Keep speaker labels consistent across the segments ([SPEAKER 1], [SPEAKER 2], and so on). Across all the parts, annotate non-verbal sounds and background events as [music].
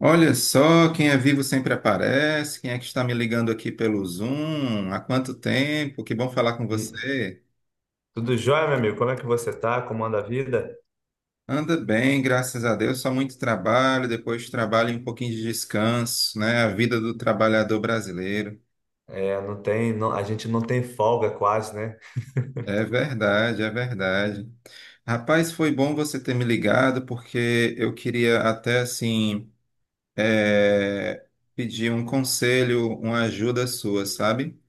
[SPEAKER 1] Olha só, quem é vivo sempre aparece. Quem é que está me ligando aqui pelo Zoom? Há quanto tempo? Que bom falar com
[SPEAKER 2] E
[SPEAKER 1] você.
[SPEAKER 2] tudo jóia, meu amigo? Como é que você tá? Como anda a vida?
[SPEAKER 1] Anda bem, graças a Deus. Só muito trabalho, depois de trabalho e um pouquinho de descanso, né? A vida do trabalhador brasileiro.
[SPEAKER 2] É, não tem, não- a gente não tem folga quase, né?
[SPEAKER 1] É verdade, é verdade. Rapaz, foi bom você ter me ligado, porque eu queria até assim, eh, pedir um conselho, uma ajuda sua, sabe?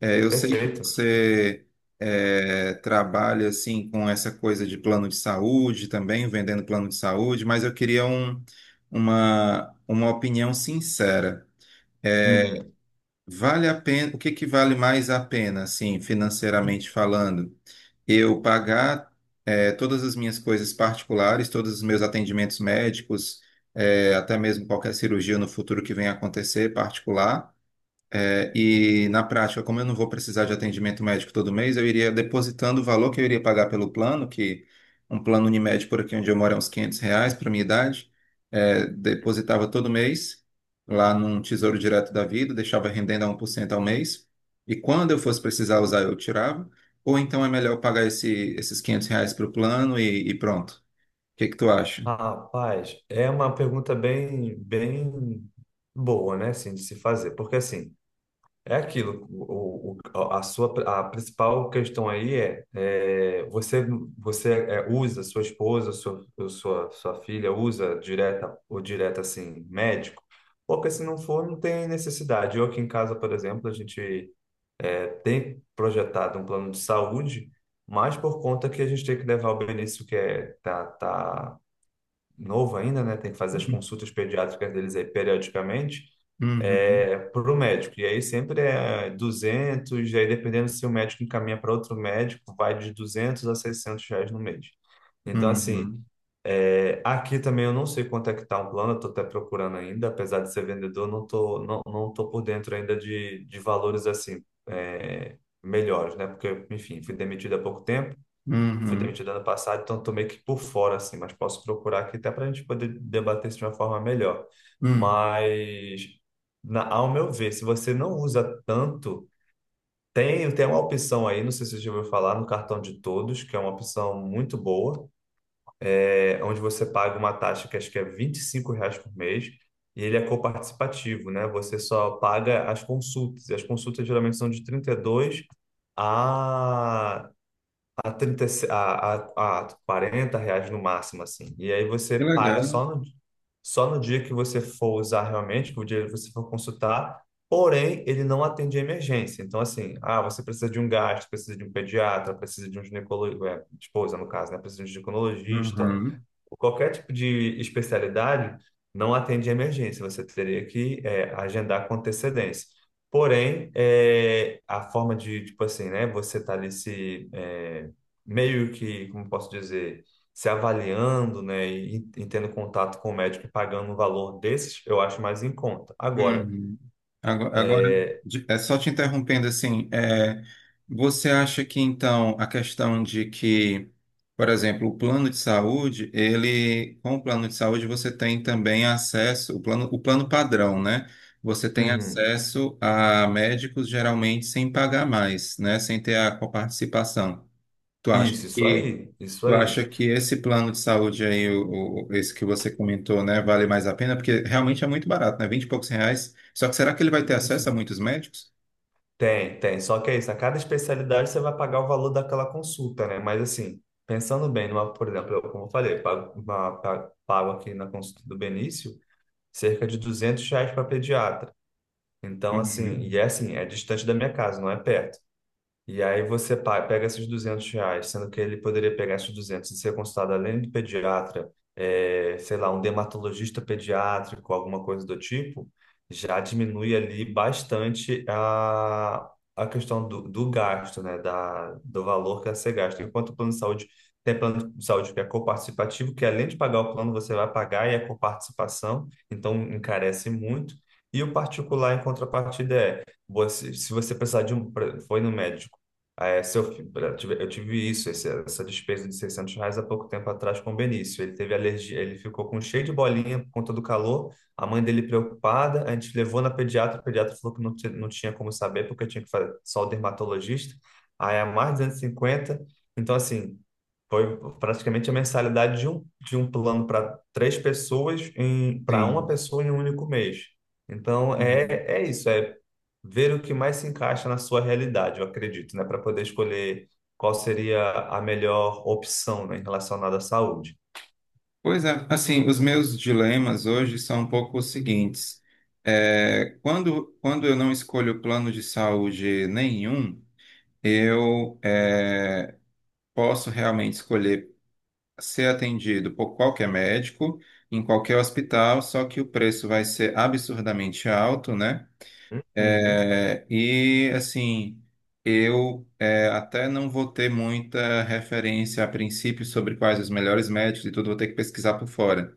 [SPEAKER 1] É, eu sei que
[SPEAKER 2] Perfeito.
[SPEAKER 1] você trabalha assim com essa coisa de plano de saúde também, vendendo plano de saúde, mas eu queria uma opinião sincera. É,
[SPEAKER 2] Uhum.
[SPEAKER 1] vale a pena, o que que vale mais a pena, assim, financeiramente falando? Eu pagar todas as minhas coisas particulares, todos os meus atendimentos médicos, até mesmo qualquer cirurgia no futuro que venha a acontecer particular. E na prática, como eu não vou precisar de atendimento médico todo mês, eu iria depositando o valor que eu iria pagar pelo plano, que um plano Unimed por aqui onde eu moro é uns R$ 500 para minha idade. Depositava todo mês lá num Tesouro Direto da Vida, deixava rendendo a 1% ao mês, e quando eu fosse precisar usar, eu tirava, ou então é melhor eu pagar esse, esses R$ 500 para o plano e pronto. O que que tu acha?
[SPEAKER 2] Rapaz, é uma pergunta bem, bem boa, né, assim, de se fazer, porque assim, é aquilo, a sua, a principal questão aí é, você usa sua esposa, sua filha usa direta ou direta, assim, médico? Porque se não for, não tem necessidade. Eu aqui em casa, por exemplo, a gente tem projetado um plano de saúde, mas por conta que a gente tem que levar o Benício, que tá novo ainda, né? Tem que fazer as consultas pediátricas deles aí periodicamente,
[SPEAKER 1] Uhum,
[SPEAKER 2] para o médico. E aí sempre é 200, e aí dependendo se o médico encaminha para outro médico, vai de R$ 200 a R$ 600 no mês. Então, assim,
[SPEAKER 1] uhum,
[SPEAKER 2] aqui também eu não sei quanto é que tá o plano, eu tô até procurando ainda, apesar de ser vendedor, não tô por dentro ainda de valores assim, melhores, né? Porque, enfim, fui demitido há pouco tempo, fui
[SPEAKER 1] uhum,
[SPEAKER 2] demitido ano passado, então tô meio que por fora, assim, mas posso procurar aqui até para a gente poder debater isso de uma forma melhor.
[SPEAKER 1] uhum.
[SPEAKER 2] Mas, ao meu ver, se você não usa tanto, tem uma opção aí, não sei se você já ouviu falar, no cartão de todos, que é uma opção muito boa, onde você paga uma taxa que acho que é R$ 25 por mês e ele é coparticipativo, né? Você só paga as consultas. E as consultas geralmente são de 32 a, 30, a R$ 40 no máximo, assim. E aí você
[SPEAKER 1] Que
[SPEAKER 2] paga
[SPEAKER 1] legal.
[SPEAKER 2] só no dia que você for usar realmente, que o dia que você for consultar, porém ele não atende a emergência. Então, assim, você precisa de um gastro, precisa de um pediatra, precisa de um ginecologia, esposa no caso, né? Precisa de um ginecologista,
[SPEAKER 1] Uhum.
[SPEAKER 2] Qualquer tipo de especialidade não atende emergência, você teria que agendar com antecedência. Porém, a forma de, tipo assim, né, você tá ali se, meio que, como posso dizer, se avaliando, né, e tendo contato com o médico e pagando um valor desses, eu acho mais em conta. Agora,
[SPEAKER 1] Uhum. Agora,
[SPEAKER 2] é,
[SPEAKER 1] é só te interrompendo assim, você acha que então a questão de que, por exemplo, o plano de saúde, ele, com o plano de saúde você tem também acesso, o plano padrão, né? Você tem
[SPEAKER 2] uhum.
[SPEAKER 1] acesso a médicos geralmente sem pagar mais, né? Sem ter a coparticipação. Tu acha
[SPEAKER 2] Isso
[SPEAKER 1] que
[SPEAKER 2] aí, isso
[SPEAKER 1] Tu
[SPEAKER 2] aí.
[SPEAKER 1] acha que esse plano de saúde aí, esse que você comentou, né, vale mais a pena? Porque realmente é muito barato, né? Vinte e poucos reais. Só que será que ele vai ter acesso
[SPEAKER 2] isso.
[SPEAKER 1] a muitos médicos?
[SPEAKER 2] Tem, tem. Só que é isso, a cada especialidade você vai pagar o valor daquela consulta, né? Mas assim, pensando bem, por exemplo, eu, como eu falei, pago aqui na consulta do Benício cerca de R$ 200 para pediatra. Então, assim, e
[SPEAKER 1] Uhum.
[SPEAKER 2] é assim, é distante da minha casa, não é perto. E aí você pega esses R$ 200, sendo que ele poderia pegar esses 200, e ser consultado além do pediatra, sei lá, um dermatologista pediátrico, alguma coisa do tipo, já diminui ali bastante a questão do gasto, né? Do valor que a ser gasto. Enquanto o plano de saúde tem plano de saúde que é coparticipativo, que além de pagar o plano, você vai pagar e é coparticipação, então encarece muito. E o particular, em contrapartida, é se você precisar de um, foi no médico. É, se eu, fi- eu tive isso, essa despesa de R$ 600 há pouco tempo atrás com o Benício. Ele teve alergia, ele ficou com cheio de bolinha por conta do calor, a mãe dele preocupada, a gente levou na pediatra, o pediatra falou que não, não tinha como saber porque tinha que fazer só o dermatologista, aí é mais 250, então assim, foi praticamente a mensalidade de um plano para 3 pessoas, para uma
[SPEAKER 1] Sim.
[SPEAKER 2] pessoa em um único mês. Então
[SPEAKER 1] Uhum.
[SPEAKER 2] é isso, é ver o que mais se encaixa na sua realidade, eu acredito, né? Para poder escolher qual seria a melhor opção, né, relacionada à saúde.
[SPEAKER 1] Pois é, assim, os meus dilemas hoje são um pouco os seguintes. É, quando eu não escolho plano de saúde nenhum, eu é, posso realmente escolher ser atendido por qualquer médico, em qualquer hospital, só que o preço vai ser absurdamente alto, né?
[SPEAKER 2] Hum. Uhum.
[SPEAKER 1] É, e assim, até não vou ter muita referência a princípio sobre quais os melhores médicos e tudo, vou ter que pesquisar por fora.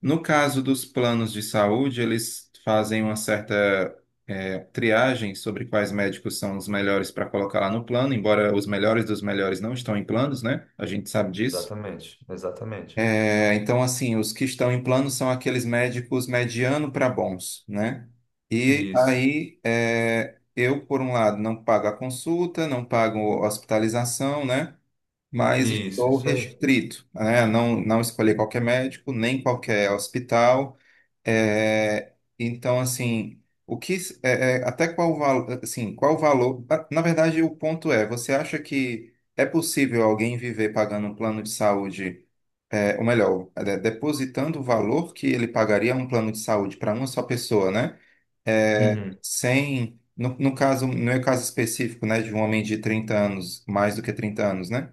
[SPEAKER 1] No caso dos planos de saúde, eles fazem uma certa triagem sobre quais médicos são os melhores para colocar lá no plano, embora os melhores dos melhores não estão em planos, né? A gente sabe disso.
[SPEAKER 2] Exatamente, exatamente.
[SPEAKER 1] É, então, assim, os que estão em plano são aqueles médicos mediano para bons, né? E
[SPEAKER 2] Isso,
[SPEAKER 1] aí, é, eu, por um lado, não pago a consulta, não pago hospitalização, né? Mas
[SPEAKER 2] isso,
[SPEAKER 1] estou
[SPEAKER 2] isso aí.
[SPEAKER 1] restrito, né? Não, não escolhi qualquer médico, nem qualquer hospital. É, então, assim, o que até qual valor, assim, qual o valor? Ah, na verdade, o ponto é, você acha que é possível alguém viver pagando um plano de saúde, ou melhor, depositando o valor que ele pagaria a um plano de saúde para uma só pessoa, né? É,
[SPEAKER 2] Uhum,
[SPEAKER 1] sem, no caso, no meu caso específico, né, de um homem de 30 anos, mais do que 30 anos, né?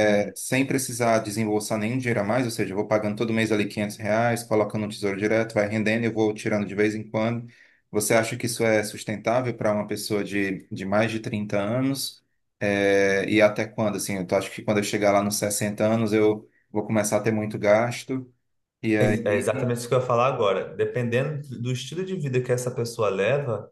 [SPEAKER 2] uhum.
[SPEAKER 1] sem precisar desembolsar nenhum dinheiro a mais, ou seja, eu vou pagando todo mês ali R$ 500, colocando no Tesouro Direto, vai rendendo, e eu vou tirando de vez em quando. Você acha que isso é sustentável para uma pessoa de mais de 30 anos? É, e até quando? Assim, acho que quando eu chegar lá nos 60 anos, eu vou começar a ter muito gasto, e
[SPEAKER 2] É, é,
[SPEAKER 1] aí.
[SPEAKER 2] exatamente isso que eu ia falar agora. Dependendo do estilo de vida que essa pessoa leva,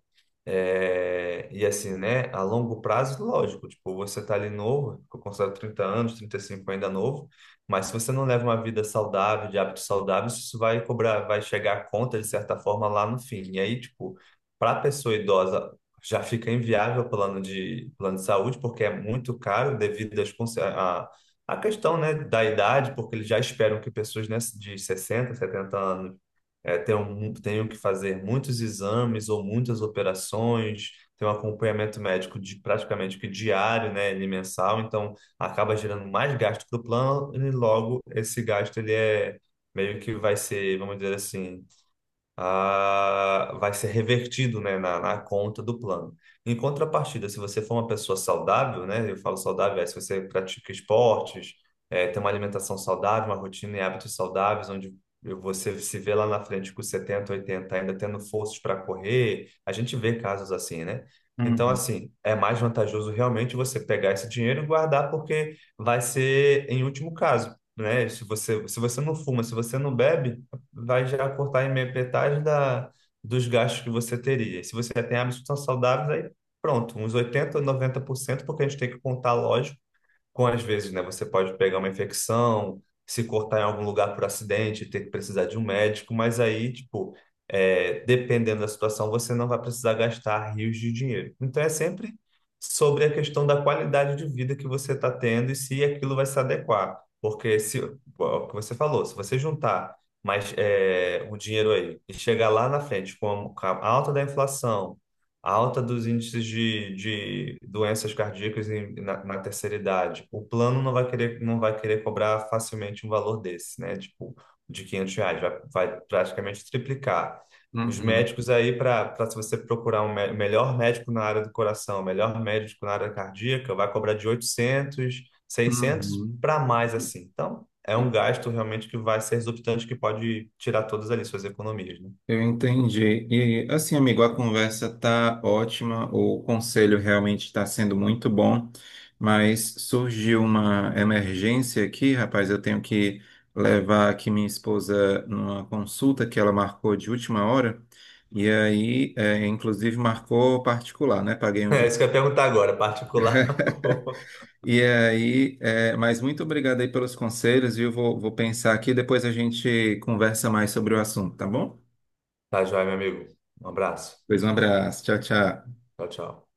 [SPEAKER 2] É, e assim, né, a longo prazo, lógico, tipo, você tá ali novo, eu considero 30 anos, 35 ainda novo, mas se você não leva uma vida saudável, de hábitos saudáveis, isso vai cobrar, vai chegar à conta, de certa forma, lá no fim. E aí, tipo, para a pessoa idosa, já fica inviável o plano de saúde, porque é muito caro devido às, a questão, né, da idade, porque eles já esperam que pessoas, né, de 60, 70 anos tenho que fazer muitos exames ou muitas operações, tenho um acompanhamento médico de praticamente que diário, né, ele mensal, então acaba gerando mais gasto para o plano e logo esse gasto ele é meio que vai ser, vamos dizer assim, vai ser revertido, né, na conta do plano. Em contrapartida, se você for uma pessoa saudável, né, eu falo saudável, é se você pratica esportes, tem uma alimentação saudável, uma rotina e hábitos saudáveis, onde você se vê lá na frente com 70, 80, ainda tendo forças para correr, a gente vê casos assim, né? Então,
[SPEAKER 1] Uhum,
[SPEAKER 2] assim, é mais vantajoso realmente você pegar esse dinheiro e guardar, porque vai ser em último caso, né? Se você não fuma, se você não bebe, vai já cortar em metade dos gastos que você teria. E se você já tem hábitos que são saudáveis, aí pronto, uns 80, 90%, porque a gente tem que contar, lógico, com às vezes, né, você pode pegar uma infecção, se cortar em algum lugar por acidente, ter que precisar de um médico, mas aí, tipo, dependendo da situação, você não vai precisar gastar rios de dinheiro. Então é sempre sobre a questão da qualidade de vida que você está tendo e se aquilo vai se adequar. Porque se, o que você falou, se você juntar mais o dinheiro aí e chegar lá na frente com a alta da inflação, a alta dos índices de doenças cardíacas na terceira idade. O plano não vai querer cobrar facilmente um valor desse, né? Tipo, de R$ 500, vai praticamente triplicar. Os
[SPEAKER 1] uhum,
[SPEAKER 2] médicos aí, para se você procurar um melhor médico na área do coração, melhor médico na área cardíaca, vai cobrar de 800, 600
[SPEAKER 1] uhum.
[SPEAKER 2] para mais assim. Então, é um gasto realmente que vai ser exorbitante, que pode tirar todas ali suas economias, né? [laughs]
[SPEAKER 1] Eu entendi. E assim, amigo, a conversa tá ótima, o conselho realmente está sendo muito bom, mas surgiu uma emergência aqui, rapaz. Eu tenho que levar aqui minha esposa numa consulta que ela marcou de última hora, e aí, inclusive, marcou particular, né? Paguei um
[SPEAKER 2] É
[SPEAKER 1] dia.
[SPEAKER 2] isso que eu ia perguntar agora, particular. [laughs]
[SPEAKER 1] E aí, mas muito obrigado aí pelos conselhos, viu? Vou pensar aqui, depois a gente conversa mais sobre o assunto, tá bom?
[SPEAKER 2] Tá joia, meu amigo. Um abraço.
[SPEAKER 1] Pois um abraço, tchau, tchau.
[SPEAKER 2] Tchau, tchau.